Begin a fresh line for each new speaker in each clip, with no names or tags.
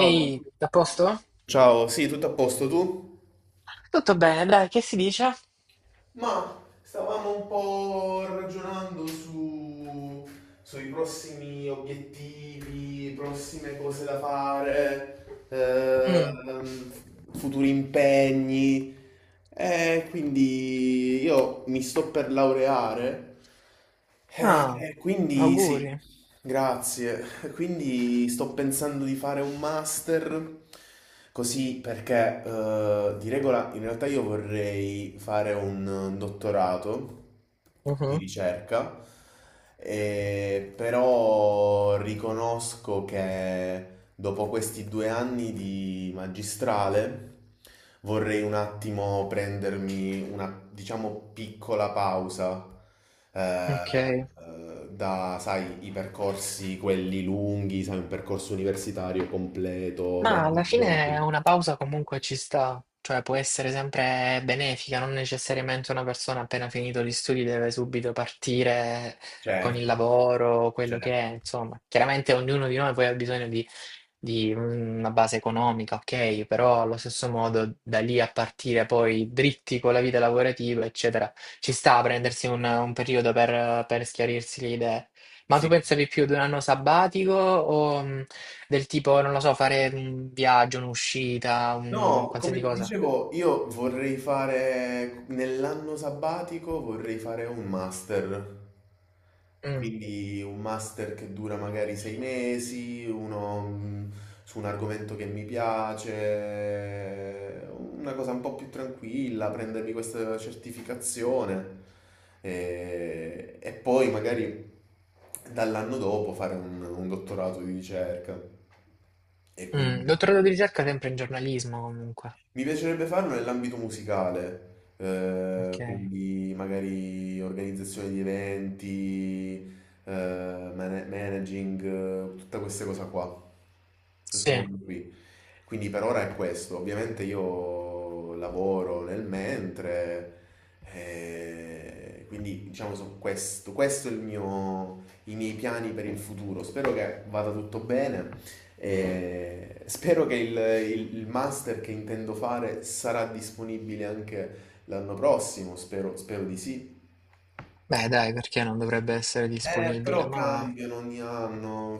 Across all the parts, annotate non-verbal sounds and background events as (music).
Ehi, a posto?
ciao, sì, tutto a posto tu?
Tutto bene, dai, che si dice?
Ma stavamo un po' ragionando sui prossimi obiettivi, prossime cose da fare,
Mm.
futuri impegni. E quindi io mi sto per laureare,
Ah,
e quindi sì,
auguri.
grazie. Quindi sto pensando di fare un master così perché di regola in realtà io vorrei fare un dottorato di
Mhm.
ricerca, però riconosco che dopo questi due anni di magistrale vorrei un attimo prendermi diciamo, piccola pausa eh,
Ok.
da, sai, i percorsi, quelli lunghi, sai, un percorso universitario completo,
Ma
bello.
alla fine una pausa comunque ci sta, cioè può essere sempre benefica, non necessariamente una persona appena finito gli studi deve subito partire con il
Certo,
lavoro, quello che
certo.
è, insomma. Chiaramente ognuno di noi poi ha bisogno di una base economica, ok, però allo stesso modo da lì a partire poi dritti con la vita lavorativa, eccetera, ci sta a prendersi un periodo per schiarirsi le idee. Ma tu
Sì.
pensavi più ad un anno sabbatico o... mm, del tipo, non lo so, fare un viaggio, un'uscita, un
No, come
qualsiasi
ti
cosa.
dicevo, io vorrei fare nell'anno sabbatico vorrei fare un master.
Mm.
Quindi un master che dura magari sei mesi, uno su un argomento che mi piace, una cosa un po' più tranquilla, prendermi questa certificazione e poi magari dall'anno dopo fare un dottorato di ricerca. E
Mm.
quindi.
Dottorato di ricerca sempre in giornalismo comunque.
Mi piacerebbe farlo nell'ambito musicale,
Ok.
quindi magari organizzazione di eventi, eh, managing, tutte queste cose qua, questo
Sì.
mondo qui. Quindi per ora è questo. Ovviamente io lavoro nel mentre, quindi diciamo so questo, questo è i miei piani per il futuro. Spero che vada tutto bene e spero che il master che intendo fare sarà disponibile anche l'anno prossimo, spero, spero di sì.
Beh, dai, perché non dovrebbe essere disponibile?
Però cambiano ogni anno,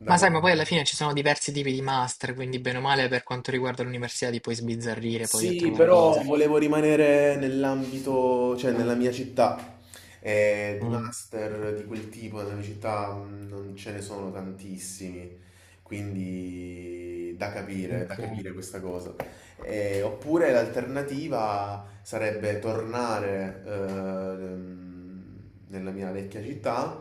da
Ma sai, ma poi
capire.
alla fine ci sono diversi tipi di master, quindi bene o male per quanto riguarda l'università ti puoi sbizzarrire poi a
Sì,
trovare
però
cose.
volevo rimanere nell'ambito, cioè nella mia città. Di
Mm.
master di quel tipo nella mia città non ce ne sono tantissimi, quindi da
Ok.
capire questa cosa. Oppure l'alternativa sarebbe tornare nella mia vecchia città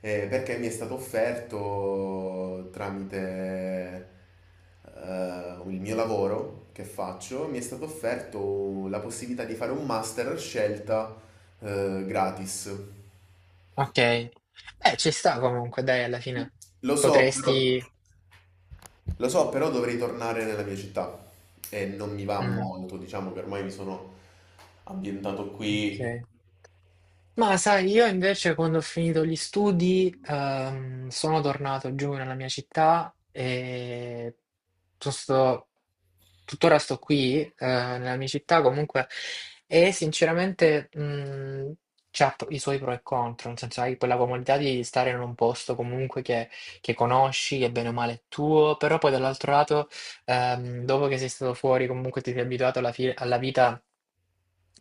perché mi è stato offerto tramite il mio lavoro che faccio, mi è stato offerto la possibilità di fare un master a scelta gratis.
Ok. Beh, ci sta comunque, dai, alla fine
Lo so, però,
potresti...
lo so, però dovrei tornare nella mia città e non mi va
Mm.
molto, diciamo che ormai mi sono ambientato qui.
Ok. Ma sai, io invece quando ho finito gli studi sono tornato giù nella mia città e tu- sto- tuttora sto qui nella mia città comunque e sinceramente c'ha i suoi pro e contro, nel senso hai quella comodità di stare in un posto comunque che conosci, che bene o male è tuo, però poi dall'altro lato dopo che sei stato fuori comunque ti sei abituato alla vita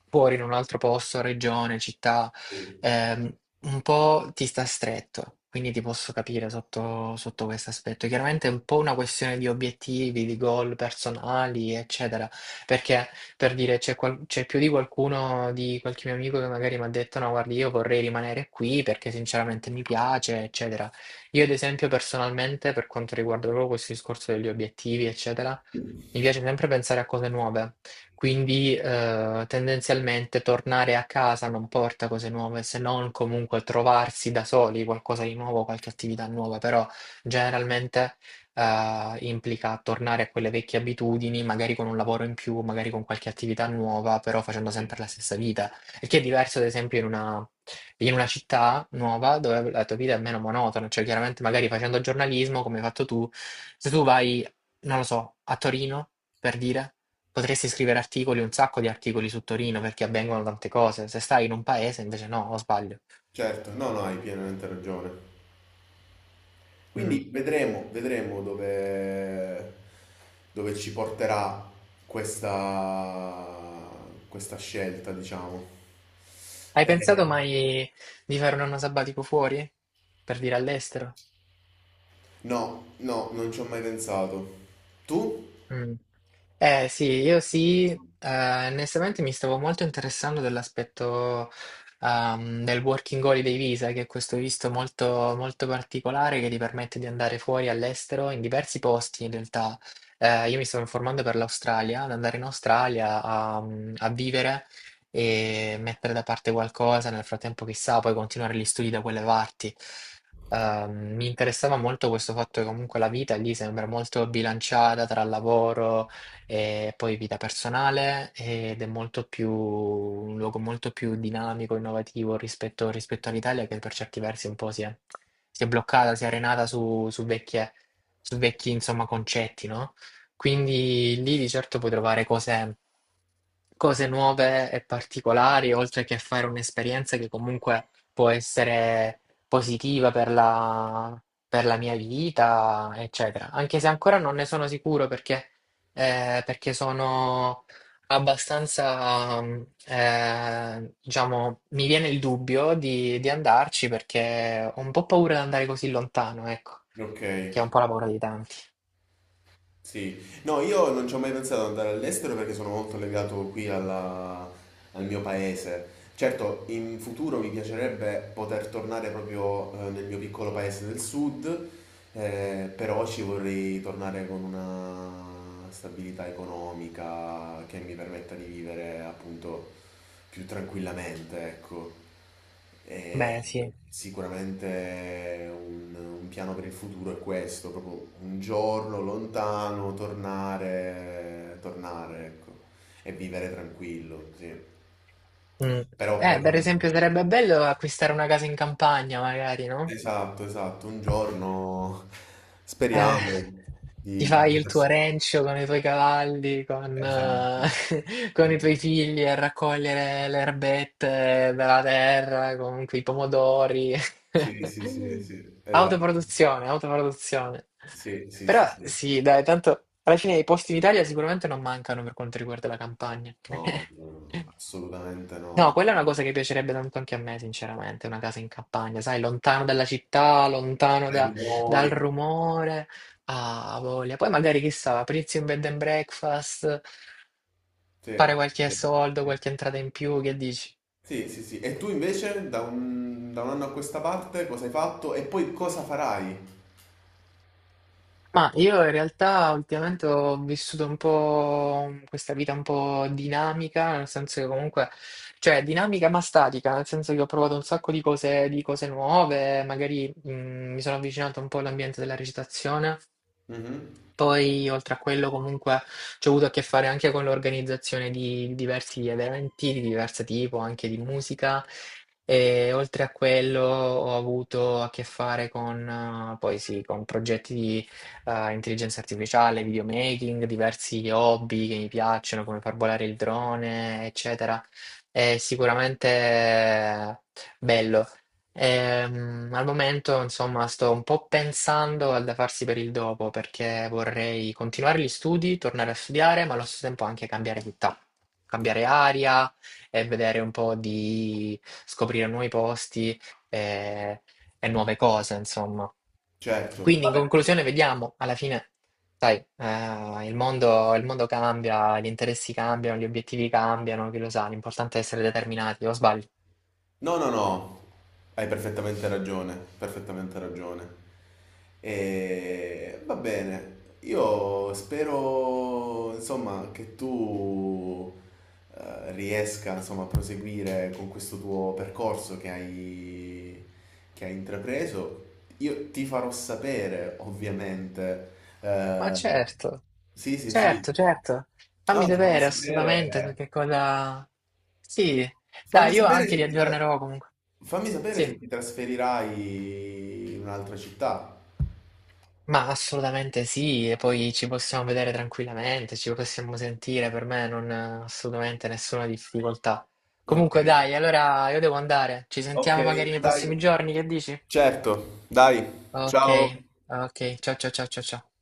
fuori in un altro posto, regione, città,
Sì.
ehm, un po' ti sta stretto. Quindi ti posso capire sotto questo aspetto. Chiaramente è un po' una questione di obiettivi, di goal personali, eccetera. Perché per dire c'è più di qualcuno, di qualche mio amico che magari mi ha detto: "No, guardi, io vorrei rimanere qui perché sinceramente mi piace, eccetera." Io, ad esempio, personalmente, per quanto riguarda proprio questo discorso degli obiettivi, eccetera, mi piace sempre pensare a cose nuove. Quindi tendenzialmente tornare a casa non porta cose nuove, se non comunque trovarsi da soli qualcosa di nuovo, qualche attività nuova, però generalmente implica tornare a quelle vecchie abitudini, magari con un lavoro in più, magari con qualche attività nuova, però facendo sempre la stessa vita. Il che è diverso, ad esempio, in una città nuova dove la tua vita è meno monotona, cioè chiaramente magari facendo giornalismo, come hai fatto tu, se tu vai, non lo so, a Torino, per dire. Potresti scrivere articoli, un sacco di articoli su Torino perché avvengono tante cose. Se stai in un paese, invece no, o sbaglio.
Certo, no, no, hai pienamente ragione.
Mm.
Quindi vedremo, vedremo dove, dove ci porterà questa, questa scelta, diciamo.
Hai
Eh,
pensato mai di fare un anno sabbatico fuori? Per dire all'estero?
no, no, non ci ho mai pensato. Tu?
Mm. Eh sì, io sì, onestamente mi stavo molto interessando dell'aspetto del working holiday visa, che è questo visto molto, molto particolare che ti permette di andare fuori all'estero in diversi posti in realtà. Io mi stavo informando per l'Australia, ad andare in Australia a, mm, a vivere e mettere da parte qualcosa, nel frattempo chissà, poi continuare gli studi da quelle parti. Mi interessava molto questo fatto che comunque la vita lì sembra molto bilanciata tra lavoro e poi vita personale ed è molto più, un luogo molto più dinamico, innovativo rispetto all'Italia che per certi versi un po' si è bloccata, si è arenata su su vecchi insomma, concetti, no? Quindi lì di certo puoi trovare cose nuove e particolari, oltre che fare un'esperienza che comunque può essere positiva per la mia vita, eccetera. Anche se ancora non ne sono sicuro perché perché sono abbastanza, mm, diciamo, mi viene il dubbio di andarci perché ho un po' paura di andare così lontano, ecco,
Ok,
che è un po' la paura di tanti.
sì. No, io non ci ho mai pensato ad andare all'estero perché sono molto legato qui al mio paese. Certo, in futuro mi piacerebbe poter tornare proprio nel mio piccolo paese del sud. Però ci vorrei tornare con una stabilità economica che mi permetta di vivere appunto più tranquillamente, ecco. E
Beh, sì.
sicuramente un piano per il futuro è questo, proprio un giorno lontano, tornare, tornare, ecco, e vivere tranquillo, sì.
Mm.
Però per
Per
ora...
esempio, sarebbe bello acquistare una casa in campagna, magari, no?
Esatto, esatto, un giorno
Eh.
speriamo
Ti
di...
fai il tuo rancio con i tuoi cavalli, con,
Esatto,
(laughs) con i tuoi
esatto.
figli a raccogliere le erbette dalla terra, con quei pomodori.
Sì, sì, sì, sì,
(laughs)
esatto.
Autoproduzione, autoproduzione.
Sì, sì,
Però
sì, sì.
sì, dai, tanto alla fine i posti in Italia sicuramente non mancano per quanto riguarda la campagna.
No,
(laughs)
no, no, no, assolutamente no.
No, quella è una cosa che piacerebbe tanto anche a me, sinceramente, una casa in campagna, sai, lontano dalla città,
Dai
dal
rumori.
rumore, ah, voglia. Poi magari, chissà, aprirsi un bed and breakfast,
Sì,
fare qualche
sì,
soldo,
sì.
qualche entrata in più, che dici?
Sì, sì, sì. E tu invece da da un anno a questa parte cosa hai fatto e poi cosa farai?
Ma io in realtà ultimamente ho vissuto un po' questa vita un po' dinamica, nel senso che comunque, cioè dinamica ma statica, nel senso che ho provato un sacco di cose nuove, magari mi sono avvicinato un po' all'ambiente della recitazione.
Mhm.
Poi, oltre a quello, comunque, ci ho avuto a che fare anche con l'organizzazione di diversi eventi di diverso tipo, anche di musica. E oltre a quello, ho avuto a che fare con, poi sì, con progetti di intelligenza artificiale, videomaking, diversi hobby che mi piacciono, come far volare il drone, eccetera. È sicuramente bello. Al momento, insomma, sto un po' pensando al da farsi per il dopo perché vorrei continuare gli studi, tornare a studiare, ma allo stesso tempo anche cambiare città, cambiare aria e vedere un po' di scoprire nuovi posti eh, e, nuove cose, insomma.
Certo,
Quindi, in
vabbè, sì.
conclusione, vediamo alla fine, sai, il mondo cambia, gli interessi cambiano, gli obiettivi cambiano, chi lo sa, l'importante è essere determinati, o sbaglio?
No, no, no, hai perfettamente ragione, perfettamente ragione. E va bene, io spero, insomma, che tu riesca, insomma, a proseguire con questo tuo percorso che hai intrapreso. Io ti farò sapere, ovviamente.
Ma
eh,
certo.
sì, sì, sì.
Certo, certo,
No,
fammi
ti farò
vedere assolutamente
sapere.
perché cosa... Sì,
Fammi
dai, io
sapere
anche li
se ti, tra-
aggiornerò comunque.
Fammi sapere
Sì,
se ti trasferirai in un'altra città.
ma assolutamente sì, e poi ci possiamo vedere tranquillamente, ci possiamo sentire, per me non assolutamente nessuna difficoltà.
Ok,
Comunque dai, allora io devo andare, ci
ok,
sentiamo magari nei prossimi
dai.
giorni, che dici?
Certo, dai.
Ok,
Ciao.
ok, ciao ciao ciao ciao ciao.